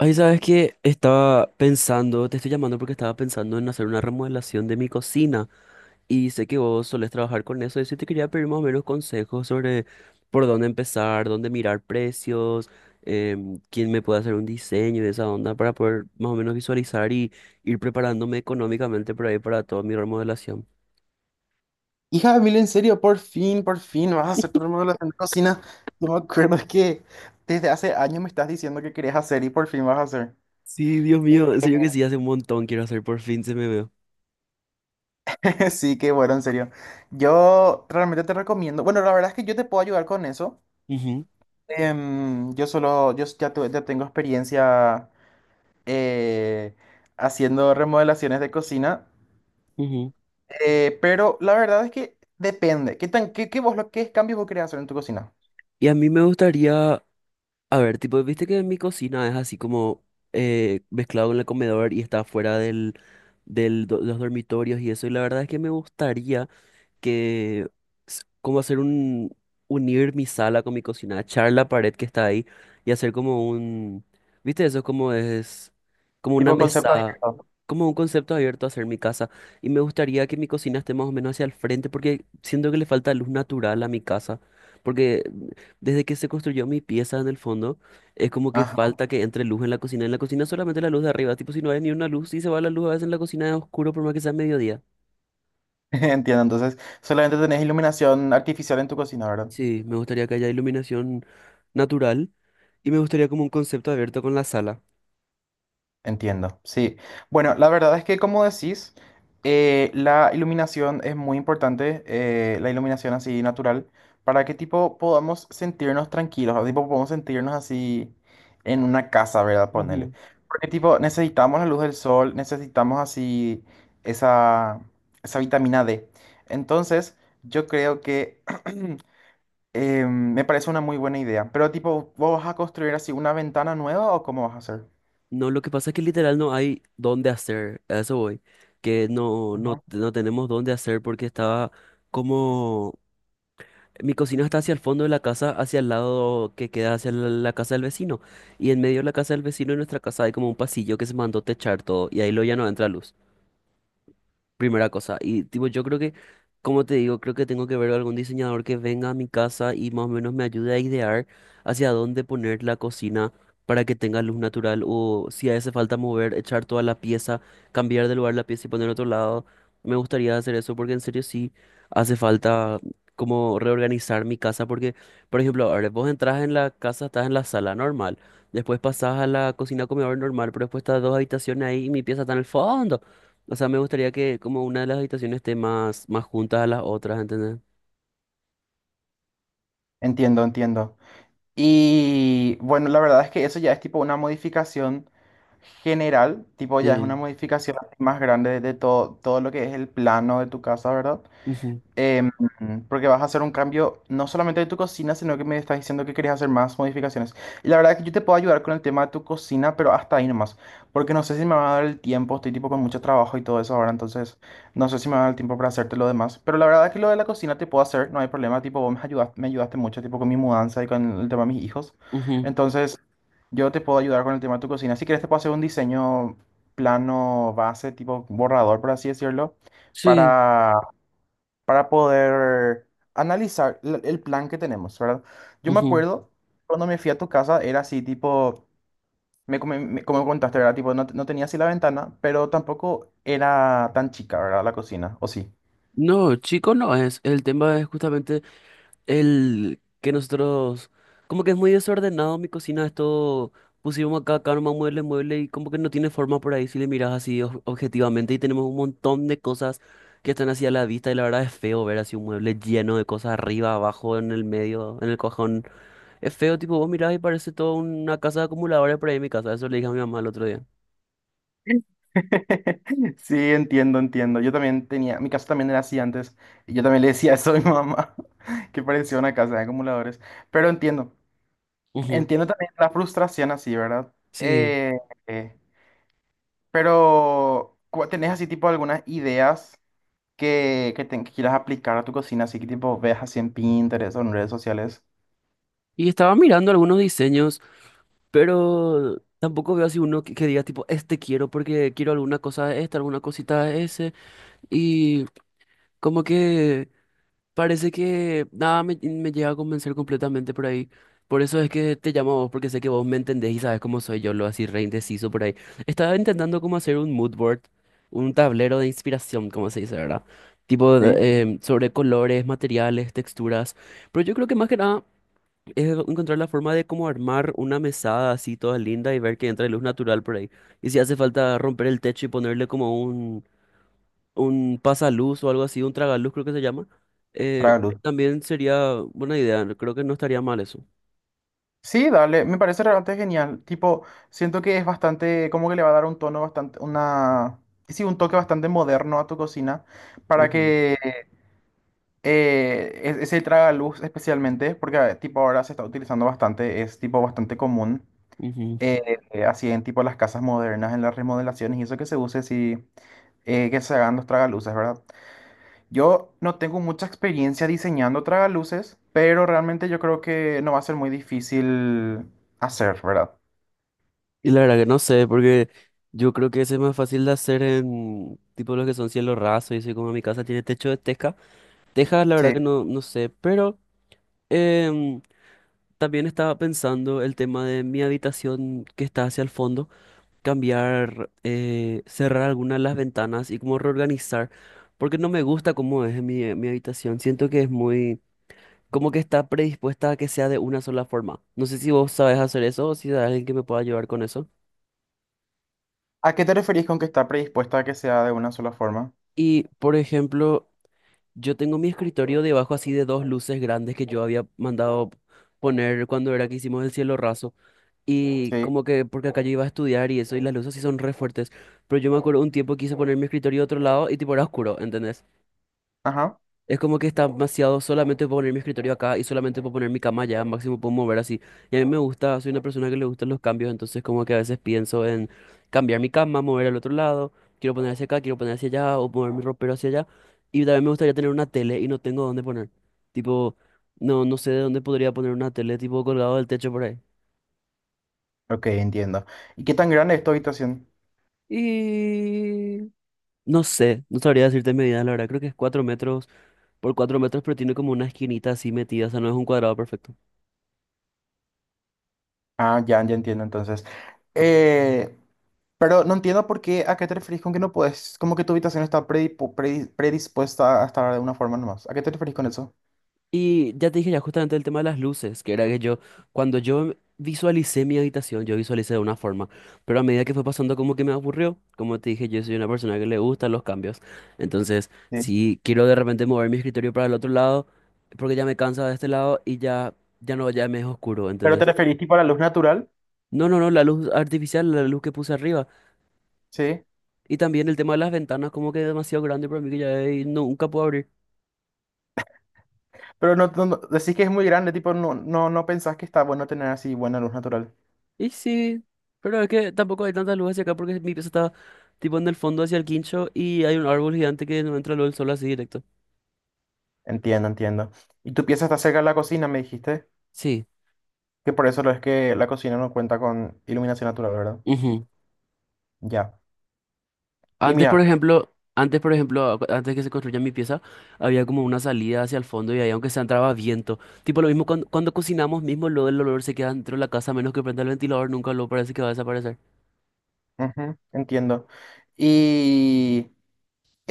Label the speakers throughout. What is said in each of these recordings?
Speaker 1: Ay, sabes que estaba pensando, te estoy llamando porque estaba pensando en hacer una remodelación de mi cocina y sé que vos solés trabajar con eso y sí te quería pedir más o menos consejos sobre por dónde empezar, dónde mirar precios, quién me puede hacer un diseño de esa onda para poder más o menos visualizar y ir preparándome económicamente por ahí para toda mi remodelación.
Speaker 2: Hija de mil, en serio, por fin vas a hacer tu remodelación de cocina. No me acuerdo que desde hace años me estás diciendo que querías hacer y por fin vas a hacer.
Speaker 1: Sí, Dios mío, en serio que sí, hace un montón quiero hacer, por fin se me veo.
Speaker 2: Sí, qué bueno, en serio. Yo realmente te recomiendo. Bueno, la verdad es que yo te puedo ayudar con eso.
Speaker 1: Ujú,
Speaker 2: Yo solo, yo ya, ya tengo experiencia eh, haciendo remodelaciones de cocina,
Speaker 1: ujú.
Speaker 2: pero la verdad es que depende. ¿Qué tan, qué, qué vos, lo, qué cambios vos querés hacer en tu cocina?
Speaker 1: Y a mí me gustaría. A ver, tipo, viste que mi cocina es así como mezclado con el comedor y está fuera del los dormitorios y eso. Y la verdad es que me gustaría, que como hacer un unir mi sala con mi cocina, echar la pared que está ahí y hacer como un, ¿viste? Eso es como una
Speaker 2: Tipo concepto
Speaker 1: mesa,
Speaker 2: abierto.
Speaker 1: como un concepto abierto a hacer mi casa y me gustaría que mi cocina esté más o menos hacia el frente porque siento que le falta luz natural a mi casa. Porque desde que se construyó mi pieza en el fondo, es como que falta que entre luz en la cocina. En la cocina solamente la luz de arriba. Tipo, si no hay ni una luz, si se va la luz a veces en la cocina es oscuro por más que sea mediodía.
Speaker 2: Entiendo, entonces solamente tenés iluminación artificial en tu cocina, ¿verdad?
Speaker 1: Sí, me gustaría que haya iluminación natural y me gustaría como un concepto abierto con la sala.
Speaker 2: Entiendo, sí. Bueno, la verdad es que como decís, la iluminación es muy importante, la iluminación así natural, para que tipo podamos sentirnos tranquilos, o tipo podamos sentirnos así en una casa, ¿verdad? Ponele.
Speaker 1: Ujú.
Speaker 2: Porque tipo necesitamos la luz del sol, necesitamos así esa, esa vitamina D. Entonces, yo creo que... me parece una muy buena idea. Pero tipo, ¿vos vas a construir así una ventana nueva o cómo vas a hacer?
Speaker 1: No, lo que pasa es que literal no hay dónde hacer, a eso voy, que no, no,
Speaker 2: Ajá.
Speaker 1: no tenemos dónde hacer porque estaba como, mi cocina está hacia el fondo de la casa, hacia el lado que queda hacia la casa del vecino, y en medio de la casa del vecino y nuestra casa hay como un pasillo que se mandó techar todo, y ahí lo ya no entra luz. Primera cosa, y tipo, yo creo que, como te digo, creo que tengo que ver algún diseñador que venga a mi casa y más o menos me ayude a idear hacia dónde poner la cocina para que tenga luz natural o si hace falta mover, echar toda la pieza, cambiar de lugar la pieza y poner otro lado. Me gustaría hacer eso porque en serio sí hace falta como reorganizar mi casa porque, por ejemplo, ahora vos entras en la casa, estás en la sala normal, después pasás a la cocina comedor normal, pero después estás dos habitaciones ahí y mi pieza está en el fondo. O sea, me gustaría que como una de las habitaciones esté más, más juntas a las otras, ¿entendés?
Speaker 2: Entiendo, entiendo. Y bueno, la verdad es que eso ya es tipo una modificación general, tipo ya es una
Speaker 1: Sí,
Speaker 2: modificación más grande de todo, todo lo que es el plano de tu casa, ¿verdad?
Speaker 1: ujú,
Speaker 2: em, Porque vas a hacer un cambio no solamente de tu cocina, sino que me estás diciendo que querías hacer más modificaciones. Y la verdad es que yo te puedo ayudar con el tema de tu cocina, pero hasta ahí nomás, porque no sé si me va a dar el tiempo, estoy tipo con mucho trabajo y todo eso ahora, entonces no sé si me va a dar el tiempo para hacerte lo demás. Pero la verdad es que lo de la cocina te puedo hacer, no hay problema, tipo vos me ayudaste mucho, tipo con mi mudanza y con el tema de mis hijos.
Speaker 1: ujú,
Speaker 2: Entonces yo te puedo ayudar con el tema de tu cocina. Si quieres te puedo hacer un diseño plano base, tipo borrador, por así decirlo.
Speaker 1: sí,
Speaker 2: para para poder analizar el plan que tenemos, ¿verdad? Yo me
Speaker 1: ujú.
Speaker 2: acuerdo cuando me fui a tu casa, era así, tipo, como me contaste, ¿verdad? Tipo, no, no tenía así la ventana, pero tampoco era tan chica, ¿verdad? La cocina, ¿o sí?
Speaker 1: No, chico, no es. El tema es justamente el que nosotros, como que es muy desordenado mi cocina, esto pusimos acá, acá nomás mueble, mueble y como que no tiene forma por ahí si le miras así objetivamente y tenemos un montón de cosas que están así a la vista y la verdad es feo ver así un mueble lleno de cosas arriba, abajo, en el medio, en el cajón. Es feo, tipo, vos mirás y parece toda una casa de acumuladores por ahí en mi casa. Eso le dije a mi mamá el otro día.
Speaker 2: Sí, entiendo, entiendo. Yo también tenía, mi casa también era así antes, y yo también le decía eso a mi mamá, que parecía una casa de acumuladores, pero entiendo,
Speaker 1: Ujú,
Speaker 2: entiendo también la frustración así, ¿verdad?
Speaker 1: sí.
Speaker 2: Eh, eh, pero, ¿tenés así tipo algunas ideas? Que, que quieras aplicar a tu cocina, así que tipo veas así en Pinterest o en redes sociales,
Speaker 1: Y estaba mirando algunos diseños, pero tampoco veo así uno que diga tipo, este quiero porque quiero alguna cosa de esta, alguna cosita de ese. Y como que parece que nada me llega a convencer completamente por ahí. Por eso es que te llamo a vos, porque sé que vos me entendés y sabes cómo soy yo, lo así re indeciso por ahí. Estaba intentando como hacer un mood board, un tablero de inspiración, como se dice, ¿verdad? Tipo
Speaker 2: ¿sí?
Speaker 1: de, sobre colores, materiales, texturas. Pero yo creo que más que nada es encontrar la forma de cómo armar una mesada así toda linda y ver que entra luz natural por ahí. Y si hace falta romper el techo y ponerle como un pasaluz o algo así, un tragaluz creo que se llama, eh,
Speaker 2: Para luz.
Speaker 1: también sería buena idea, creo que no estaría mal eso.
Speaker 2: Sí, dale, me parece realmente genial. Tipo, siento que es bastante, como que le va a dar un tono bastante, una, sí, un toque bastante moderno a tu cocina para
Speaker 1: Ujú,
Speaker 2: que ese tragaluz especialmente, porque tipo ahora se está utilizando bastante, es tipo bastante común,
Speaker 1: ujú.
Speaker 2: así en tipo las casas modernas, en las remodelaciones y eso que se use, sí, que se hagan los tragaluces, ¿verdad? Yo no tengo mucha experiencia diseñando tragaluces, pero realmente yo creo que no va a ser muy difícil hacer, ¿verdad?
Speaker 1: Y la verdad que no sé, porque yo creo que ese es más fácil de hacer en tipo los que son cielo raso y así como mi casa tiene techo de teja. Teja, la verdad
Speaker 2: Sí.
Speaker 1: que no, no sé, pero em, también estaba pensando el tema de mi habitación que está hacia el fondo. Cambiar, cerrar algunas de las ventanas y como reorganizar, porque no me gusta cómo es mi habitación. Siento que es muy, como que está predispuesta a que sea de una sola forma. No sé si vos sabes hacer eso o si hay alguien que me pueda ayudar con eso.
Speaker 2: ¿A qué te referís con que está predispuesta a que sea de una sola forma?
Speaker 1: Y, por ejemplo, yo tengo mi escritorio debajo así de dos luces grandes que yo había mandado poner cuando era que hicimos el cielo raso. Y
Speaker 2: Sí.
Speaker 1: como que, porque acá yo iba a estudiar y eso, y las luces sí son re fuertes. Pero yo me acuerdo un tiempo quise poner mi escritorio a otro lado y tipo era oscuro, ¿entendés?
Speaker 2: Ajá.
Speaker 1: Es como que está demasiado solamente puedo poner mi escritorio acá y solamente puedo poner mi cama allá, máximo puedo mover así. Y a mí me gusta, soy una persona que le gustan los cambios, entonces como que a veces pienso en cambiar mi cama, mover al otro lado, quiero poner hacia acá, quiero poner hacia allá o mover mi ropero hacia allá. Y también me gustaría tener una tele y no tengo dónde poner. Tipo, no, no sé de dónde podría poner una tele, tipo colgado del techo por ahí.
Speaker 2: Ok, entiendo. ¿Y qué tan grande es tu habitación?
Speaker 1: Y no sé, no sabría decirte medidas, la verdad. Creo que es 4 metros por 4 metros, pero tiene como una esquinita así metida, o sea, no es un cuadrado perfecto.
Speaker 2: Ah, ya, ya entiendo entonces. Eh, pero no entiendo por qué, ¿a qué te referís con que no puedes? Como que tu habitación está predispuesta a estar de una forma nomás. ¿A qué te referís con eso?
Speaker 1: Y ya te dije ya justamente el tema de las luces, que era que yo, cuando yo visualicé mi habitación, yo visualicé de una forma, pero a medida que fue pasando como que me aburrió, como te dije, yo soy una persona que le gustan los cambios, entonces
Speaker 2: Sí.
Speaker 1: si quiero de repente mover mi escritorio para el otro lado, porque ya me cansa de este lado y ya, ya no, ya me es oscuro,
Speaker 2: ¿Pero te
Speaker 1: ¿entendés?
Speaker 2: referís tipo a la luz natural?
Speaker 1: No, no, no, la luz artificial, la luz que puse arriba,
Speaker 2: Sí.
Speaker 1: y también el tema de las ventanas como que es demasiado grande para mí que ya nunca puedo abrir.
Speaker 2: Pero no, no, decís que es muy grande, tipo, no, no, no pensás que está bueno tener así buena luz natural.
Speaker 1: Y sí, pero es que tampoco hay tantas luces hacia acá porque mi pieza está tipo en el fondo hacia el quincho y hay un árbol gigante que no entra luz del sol así directo.
Speaker 2: Entiendo, entiendo. Y tu pieza está cerca de la cocina, me dijiste,
Speaker 1: Sí.
Speaker 2: que por eso lo es que la cocina no cuenta con iluminación natural, ¿verdad?
Speaker 1: Ujú.
Speaker 2: Ya. Y
Speaker 1: Antes, por
Speaker 2: mira,
Speaker 1: ejemplo, antes que se construya mi pieza, había como una salida hacia el fondo y ahí aunque se entraba viento. Tipo lo mismo cuando cocinamos mismo, lo del olor se queda dentro de la casa, a menos que prenda el ventilador, nunca lo parece que va a desaparecer.
Speaker 2: ujú, entiendo. Y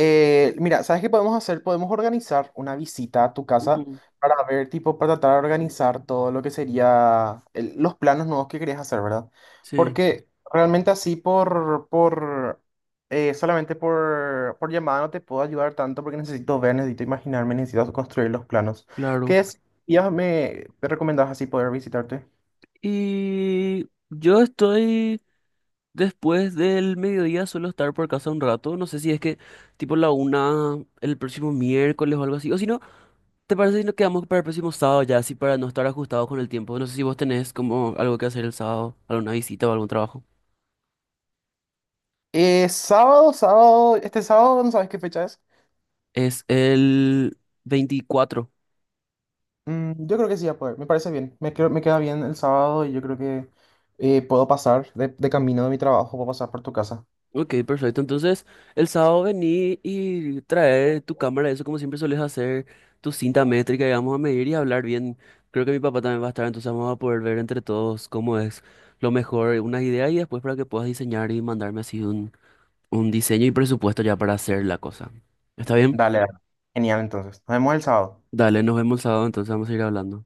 Speaker 2: Mira, ¿sabes qué podemos hacer? Podemos organizar una visita a tu casa
Speaker 1: Ujú,
Speaker 2: para ver, tipo, para tratar de organizar todo lo que sería los planos nuevos que querías hacer, ¿verdad?
Speaker 1: sí,
Speaker 2: Porque realmente así por solamente por llamada no te puedo ayudar tanto porque necesito ver, necesito imaginarme, necesito construir los planos. ¿Qué
Speaker 1: claro.
Speaker 2: es? Ya me, te recomendabas así poder visitarte.
Speaker 1: Y yo estoy. Después del mediodía suelo estar por casa un rato. No sé si es que tipo la una el próximo miércoles o algo así. O si no, ¿te parece si nos quedamos para el próximo sábado ya? Así para no estar ajustados con el tiempo. No sé si vos tenés como algo que hacer el sábado, alguna visita o algún trabajo.
Speaker 2: Sábado, sábado, este sábado, ¿no sabes qué fecha es?
Speaker 1: Es el 24.
Speaker 2: Mm, yo creo que sí, a poder. Me parece bien. Me queda bien el sábado y yo creo que puedo pasar de camino de mi trabajo, puedo pasar por tu casa.
Speaker 1: Ok, perfecto. Entonces, el sábado vení y trae tu cámara, eso como siempre sueles hacer, tu cinta métrica y vamos a medir y hablar bien. Creo que mi papá también va a estar, entonces vamos a poder ver entre todos cómo es lo mejor, unas ideas y después para que puedas diseñar y mandarme así un diseño y presupuesto ya para hacer la cosa. ¿Está bien?
Speaker 2: Dale, dale. Genial, entonces. Nos vemos el sábado.
Speaker 1: Dale, nos vemos el sábado, entonces vamos a ir hablando.